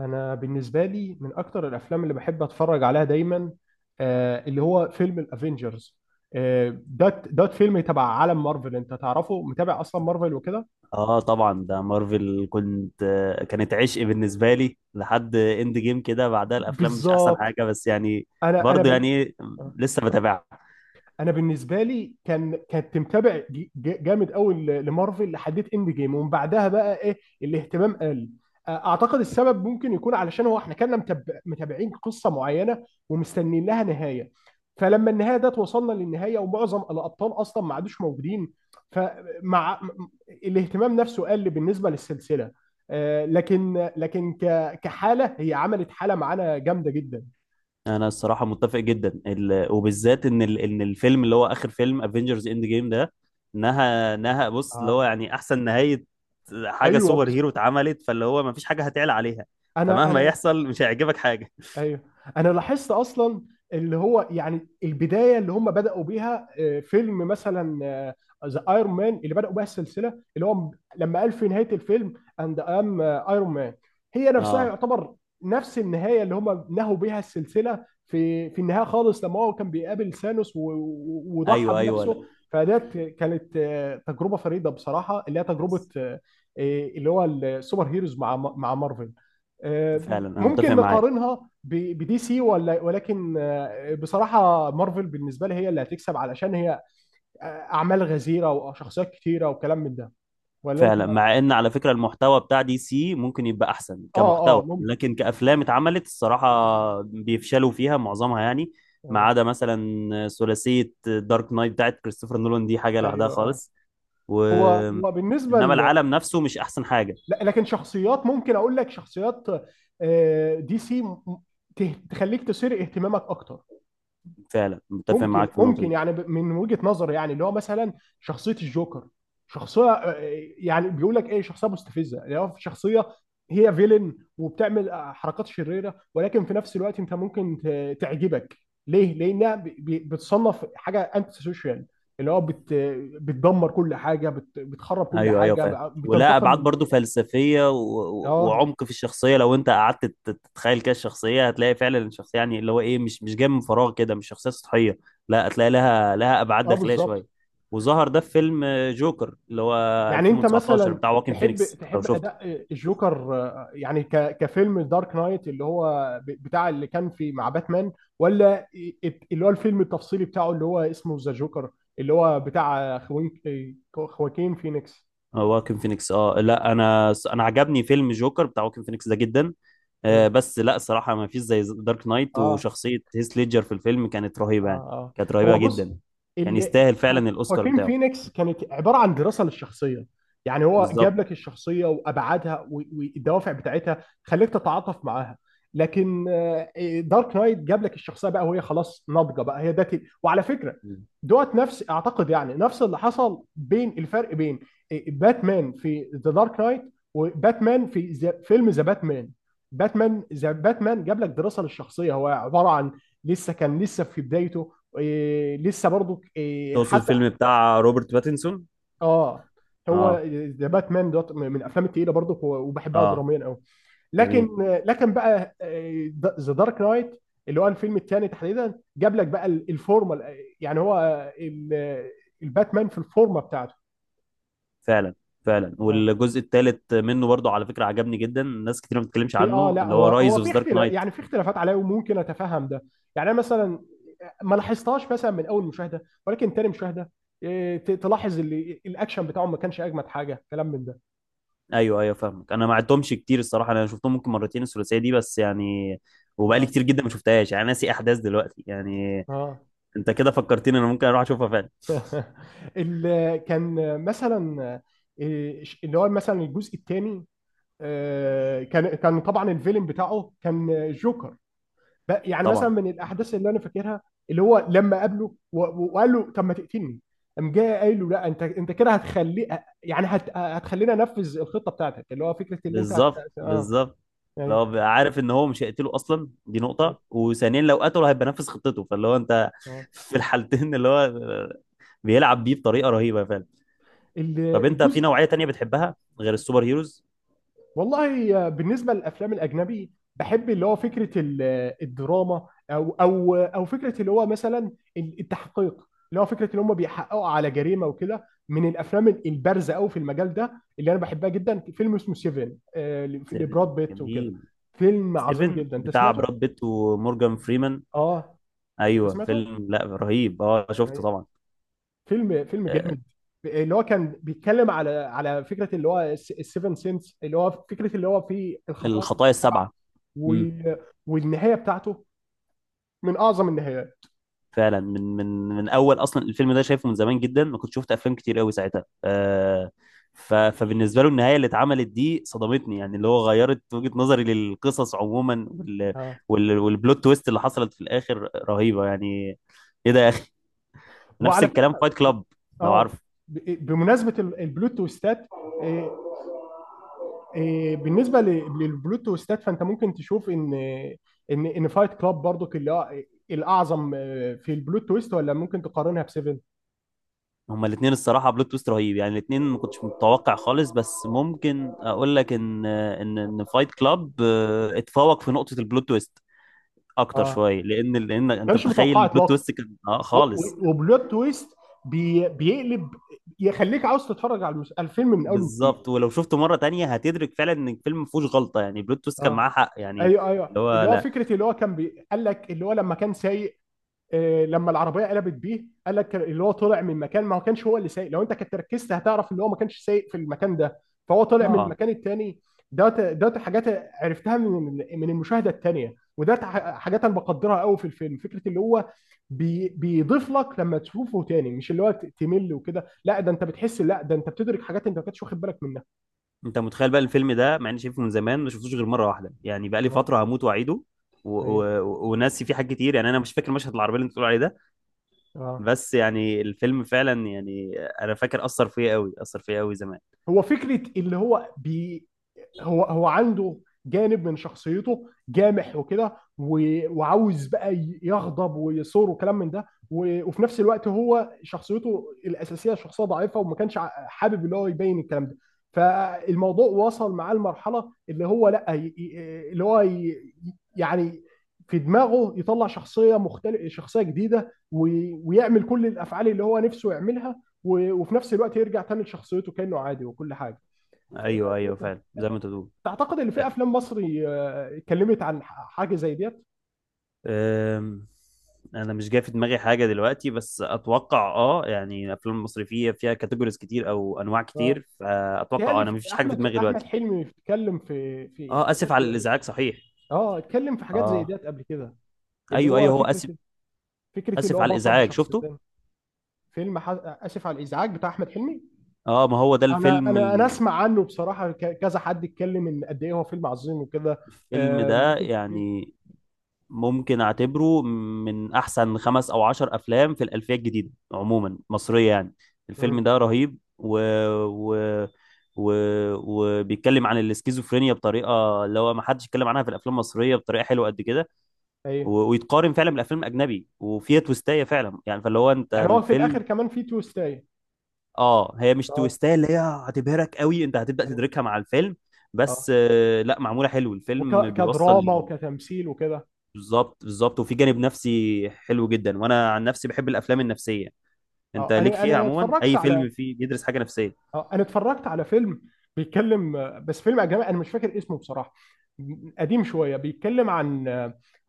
انا بالنسبه لي من اكتر الافلام اللي بحب اتفرج عليها دايما، اللي هو فيلم الافينجرز. ده فيلم تبع عالم مارفل، انت تعرفه، متابع اصلا مارفل وكده. اه طبعا، ده مارفل. كنت آه، كانت عشق بالنسبه لي لحد اند جيم كده. بعدها الافلام مش احسن بالظبط. حاجه، بس يعني انا انا برضه بن... يعني إيه، آه. لسه بتابعها. انا بالنسبه لي كان كنت متابع جامد قوي لمارفل لحديت اند جيم، ومن بعدها بقى ايه، الاهتمام قل. اعتقد السبب ممكن يكون علشان هو احنا كنا متابعين قصه معينه ومستنيين لها نهايه، فلما النهايه ده توصلنا للنهايه ومعظم الابطال اصلا ما عادوش موجودين. فمع م- الاهتمام نفسه قل بالنسبه للسلسله. لكن كحاله هي عملت حاله معانا جامده جدا. انا الصراحه متفق جدا وبالذات ان ان الفيلم اللي هو اخر فيلم افنجرز اند جيم ده، نهى بص، اللي اه، هو يعني احسن نهايه حاجه ايوه سوبر بس. هيرو اتعملت، فاللي هو ما فيش حاجه هتعلى عليها. انا فمهما انا يحصل مش هيعجبك حاجه. ايوه. انا لاحظت اصلا اللي هو يعني البدايه اللي هم بداوا بيها، فيلم مثلا ذا ايرون مان اللي بداوا بيها السلسله. اللي هو م- لما قال في نهايه الفيلم اند ام ايرون مان، هي نفسها اه، يعتبر نفس النهايه اللي هم نهوا بيها السلسله، في النهايه خالص لما هو كان بيقابل ثانوس وضحى ايوه ايوه، لا بنفسه. فديت كانت تجربه فريده بصراحه، اللي هي تجربه بس اللي هو السوبر هيروز مع مارفل. آه، فعلا انا متفق ممكن معاك. نقارنها بدي سي، ولا ولكن بصراحة مارفل بالنسبة لي هي اللي هتكسب، علشان هي أعمال غزيرة وشخصيات كتيرة وكلام من ده، ولا أنت؟ فعلا، مع ان على فكره المحتوى بتاع دي سي ممكن يبقى احسن آه كمحتوى، آه ممكن. لكن كافلام اتعملت الصراحه بيفشلوا فيها معظمها يعني. ما آه. عدا مثلا ثلاثيه دارك نايت بتاعت كريستوفر نولان، دي حاجه لوحدها أيوه آه. خالص. و هو هو بالنسبة انما ل... العالم نفسه مش احسن حاجه. لا، لكن شخصيات ممكن أقول لك شخصيات، دي سي تخليك تثير اهتمامك أكتر. فعلا متفق ممكن معاك في النقطه ممكن دي. يعني من وجهة نظر، يعني اللي هو مثلا شخصية الجوكر، شخصية، يعني بيقول لك ايه، شخصية مستفزة، اللي هو شخصية هي فيلن وبتعمل حركات شريرة، ولكن في نفس الوقت انت ممكن تعجبك. ليه؟ لانها بتصنف حاجة انتي سوشيال، اللي هو بتدمر كل حاجة، بتخرب كل ايوه ايوه حاجة فاهم، ولا بتنتقم من ابعاد برضو المجتمع. فلسفيه و... و- اه وعمق في الشخصيه. لو انت قعدت تتخيل كده الشخصيه، هتلاقي فعلا الشخصيه يعني اللي هو ايه، مش جايه من فراغ كده، مش شخصيه سطحيه. لا، هتلاقي لها ابعاد اه داخليه بالظبط. شويه. وظهر ده في فيلم جوكر اللي هو يعني انت 2019 مثلا بتاع واكين تحب فينيكس لو تحب شفته. اداء الجوكر، يعني كفيلم دارك نايت، اللي هو بتاع اللي كان في مع باتمان، ولا اللي هو الفيلم التفصيلي بتاعه اللي هو اسمه ذا جوكر، اللي هو بتاع خواكين فينيكس؟ واكن فينيكس، اه لا، انا عجبني فيلم جوكر بتاع واكن فينيكس ده جدا. مم. بس لا صراحة ما فيش زي دارك نايت. اه وشخصية هيث ليدجر في الفيلم كانت اه رهيبة يعني، اه. كانت هو رهيبة بص جدا. كان اللي يستاهل فعلا الأوسكار خواكين بتاعه. فينيكس كانت عباره عن دراسه للشخصيه، يعني هو جاب بالظبط. لك الشخصيه وابعادها والدوافع بتاعتها، خليك تتعاطف معاها. لكن دارك نايت جاب لك الشخصيه بقى وهي خلاص ناضجه بقى هي ده. وعلى فكره، دوت نفس، اعتقد يعني نفس اللي حصل، بين الفرق بين باتمان في ذا دارك نايت، وباتمان في فيلم ذا باتمان. باتمان ذا باتمان جاب لك دراسه للشخصيه، هو عباره عن لسه، كان لسه في بدايته. إيه، لسه برضو إيه تقصد حتى. الفيلم بتاع روبرت باتنسون؟ اه. هو اه ذا باتمان دوت من الافلام التقيله برضو، وبحبها اه، دراميا قوي. جميل. لكن لكن بقى ذا دارك نايت، اللي هو الفيلم الثاني تحديدا، جاب لك بقى الفورمه، يعني هو الباتمان في الفورمه بتاعته. فعلا، فعلا والجزء الثالث منه برضه على فكرة عجبني جدا. ناس كتير ما بتتكلمش في اه، عنه، لا اللي هو هو رايز في اوف دارك اختلاف، نايت. يعني في اختلافات عليا وممكن اتفهم ده. يعني انا مثلا ما لاحظتهاش مثلا من اول مشاهده، ولكن تاني مشاهده إيه، تلاحظ اللي الاكشن بتاعهم ما كانش اجمد حاجه، كلام من ده. ايوه ايوه فاهمك. انا ما عدتهمش كتير الصراحه، انا شفتهم ممكن مرتين الثلاثيه دي بس يعني. وبقالي اه كتير جدا ما شفتهاش يعني، ناسي احداث دلوقتي يعني. اه. انت كده فكرتني، انا ممكن اروح اشوفها فعلا. اللي كان مثلا، إيه، اللي هو مثلا الجزء الثاني، كان طبعا الفيلم بتاعه كان جوكر. يعني مثلا طبعا. من الاحداث اللي انا فاكرها، اللي هو لما قابله وقال له طب ما تقتلني، قام جاي قايل له لا، انت كده هتخلي، يعني هتخلينا انفذ الخطه بتاعتك، اللي هو فكره اللي انت بالظبط اه بالظبط، لو ايوه. بقى عارف ان هو مش هيقتله اصلا دي نقطه، وثانيا لو قتله هيبقى نافذ خطته. فاللي هو انت اه. في الحالتين اللي هو بيلعب بيه بطريقه رهيبه فعلا. طب انت في الجزء. نوعيه تانية بتحبها غير السوبر هيروز؟ والله بالنسبة للأفلام الأجنبي، بحب اللي هو فكرة الدراما، أو أو فكرة اللي هو مثلا التحقيق، اللي هو فكرة اللي هم بيحققوا على جريمة وكده. من الأفلام البارزة أوي في المجال ده اللي أنا بحبها جدا فيلم اسمه سيفن، 7؟ لبراد بيت وكده. جميل. فيلم عظيم 7 جدا. أنت بتاع سمعته؟ براد بيت ومورجان فريمان؟ أه. أنت ايوه سمعته؟ فيلم، لا رهيب اه شفته أيوه. طبعا. فيلم آه، جامد. اللي هو كان بيتكلم على فكرة اللي هو السيفن سينس، اللي هو فكرة اللي هو في الخطايا الخطايا السبعة. السبعه. و... امم. والنهايه بتاعته من اعظم النهايات. فعلا، من اول اصلا الفيلم ده شايفه من زمان جدا، ما كنت شفت افلام كتير قوي ساعتها فبالنسبه له النهايه اللي اتعملت دي صدمتني يعني، اللي هو غيرت وجهه نظري للقصص عموما وال اه. وال والبلوت تويست اللي حصلت في الاخر رهيبه يعني. ايه ده يا اخي! نفس وعلى الكلام فكره، فايت كلاب، لو عارف. اه، بمناسبه البلوت تويستات، إيه، إيه، بالنسبه للبلوت تويستات، فانت ممكن تشوف ان ان فايت كلاب برضو الاعظم في البلوت تويست، ولا ممكن تقارنها بسيفن؟ هما الاثنين الصراحه بلوت تويست رهيب يعني، الاثنين ما كنتش متوقع خالص. بس ممكن اقول لك ان فايت كلاب اتفوق في نقطه البلوت تويست اكتر اه، شويه، لان ما انت كانش متخيل متوقع البلوت اطلاقا. تويست كان اه خالص. وبلوت تويست بيقلب، يخليك عاوز تتفرج على على الفيلم من اول وجديد. بالظبط. ولو شفته مره تانية هتدرك فعلا ان الفيلم ما فيهوش غلطه يعني، البلوت تويست كان اه معاه حق يعني. ايوه ايوه. اللي هو، اللي هو لا، فكره اللي هو كان قال لك اللي هو لما كان سايق، لما العربيه قلبت بيه، قال لك اللي هو طلع من مكان، ما هو كانش هو اللي سايق، لو انت كنت ركزت هتعرف ان هو ما كانش سايق في المكان ده، فهو طلع من اه. المكان التاني. دوت دوت حاجات عرفتها من المشاهده التانيه، وده حاجات انا بقدرها قوي في الفيلم، فكره اللي هو بيضيف لك لما تشوفه تاني، مش اللي هو تمل وكده. لا، ده انت بتحس، لا ده انت بتدرك حاجات انت ما كنتش واخد بالك منها. انت متخيل بقى الفيلم ده، مع اني شايفه من زمان ما شفتوش غير مره واحده يعني، بقى لي اه فتره هموت واعيده و... ايوه. و... وناسي فيه حاجات كتير يعني. انا مش فاكر مشهد العربيه اللي انت بتقول عليه ده. اه. بس يعني الفيلم فعلا يعني، انا فاكر اثر فيا قوي، اثر فيا قوي زمان. هو فكره اللي هو هو عنده جانب من شخصيته جامح وكده، وعاوز بقى يغضب ويثور وكلام من ده، وفي نفس الوقت هو شخصيته الاساسيه شخصيه ضعيفه، وما كانش حابب اللي هو يبين الكلام ده. فالموضوع وصل معاه لمرحله اللي هو لا يعني في دماغه يطلع شخصيه مختلف، شخصيه جديده، ويعمل كل الافعال اللي هو نفسه يعملها، وفي نفس الوقت يرجع تاني لشخصيته كانه عادي وكل حاجه. ايوه ايوه فعلا زي ما انت بتقول. تعتقد ان أ- في افلام مصري اتكلمت عن حاجه زي ديت؟ أم، انا مش جاي في دماغي حاجه دلوقتي، بس اتوقع اه يعني الافلام المصري فيها كاتيجوريز كتير او انواع اه. كتير، فاتوقع تهيألي انا مفيش حاجه في احمد دماغي احمد دلوقتي. حلمي اتكلم في اه، اسف حاجات على الازعاج، صحيح. اه، اتكلم في حاجات زي اه ديت قبل كده. اللي ايوه هو ايوه هو فكره، اسف. اللي اسف هو على بطل الازعاج شفته؟ بشخصيتين. فيلم ح... اسف على الازعاج بتاع احمد حلمي. اه ما هو ده انا الفيلم. انا انا اسمع عنه بصراحه، كذا حد اتكلم ان قد ايه هو فيلم عظيم وكده. الفيلم ده ممكن. يعني ممكن اعتبره من احسن خمس او عشر افلام في الالفيه الجديده، عموما مصريه يعني. الفيلم مم. ده رهيب و... و... و... وبيتكلم عن الاسكيزوفرينيا بطريقه اللي هو ما حدش اتكلم عنها في الافلام المصريه بطريقه حلوه قد كده. و... ايوه. ويتقارن فعلا بالافلام الاجنبي، وفيها تويستايه فعلا يعني. فاللي هو انت يعني هو في الاخر الفيلم. كمان في تويستاية. اه، هي مش اه تويستايه اللي هي هتبهرك قوي، انت هتبدا ايوه. تدركها مع الفيلم. اه، بس لا، معموله حلو الفيلم بيوصل. وكدراما وكتمثيل وكده. بالظبط بالظبط، وفي جانب نفسي حلو جدا، وانا عن نفسي بحب الافلام النفسيه. انت اه، ليك انا فيها انا عموما، اتفرجت اي على، فيلم فيه بيدرس حاجه نفسيه. اه، انا اتفرجت على فيلم بيتكلم، بس فيلم اجنبي انا مش فاكر اسمه بصراحه، قديم شويه، بيتكلم عن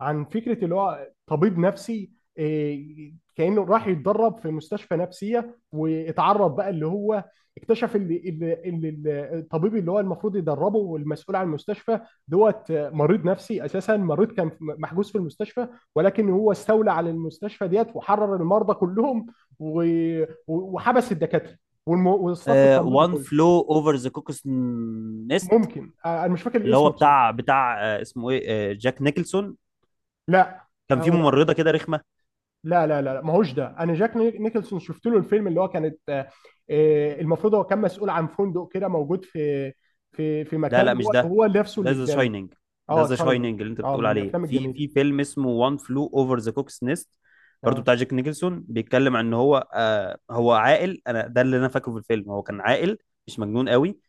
فكره اللي هو طبيب نفسي، إيه، كانه راح يتدرب في مستشفى نفسيه، واتعرض بقى اللي هو اكتشف اللي الطبيب اللي هو المفروض يدربه والمسؤول عن المستشفى دوت مريض نفسي اساسا، مريض كان محجوز في المستشفى، ولكن هو استولى على المستشفى ديت وحرر المرضى كلهم، وحبس الدكاتره والصف التمريضي وان كله. فلو اوفر ذا كوكس نست، ممكن، انا مش فاكر اللي هو الاسم بصراحه. بتاع اسمه ايه جاك نيكلسون. لا كان في ممرضه كده رخمه. لا لا لا لا، ما هوش ده. انا جاك نيكلسون شفت له الفيلم، اللي هو كانت المفروض هو كان مسؤول عن فندق كده موجود في في لا لا مكان، مش هو ده. هو نفسه ده اللي ذا اتجنن. شاينينج. ده اه، ذا تشاينينج. شاينينج اللي انت اه، بتقول من عليه، الافلام في الجميله. في فيلم اسمه وان فلو اوفر ذا كوكس نيست. برضو اه بتاع جاك نيكلسون، بيتكلم عن ان هو هو عاقل. انا ده اللي انا فاكره في الفيلم، هو كان عاقل مش مجنون قوي.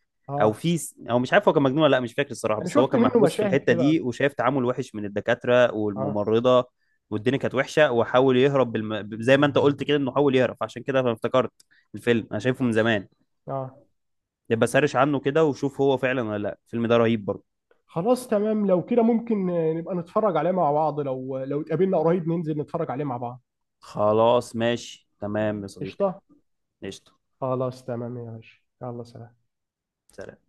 اه. او مش عارف هو كان مجنون ولا لا، مش فاكر الصراحه. انا بس هو شفت كان منه محبوس في مشاهد الحته كده. دي وشايف تعامل وحش من الدكاتره اه والممرضه. والدنيا كانت وحشه، وحاول يهرب زي ما انت قلت كده، انه حاول يهرب. عشان كده انا افتكرت الفيلم، انا شايفه من زمان. اه. يبقى سرش عنه كده وشوف هو فعلا ولا لا. الفيلم ده رهيب برضه. خلاص تمام. لو كده ممكن نبقى نتفرج عليه مع بعض، لو اتقابلنا قريب ننزل نتفرج عليه مع بعض. خلاص ماشي تمام يا صديقي. قشطه. قشطة. خلاص تمام يا باشا. يلا سلام. سلام.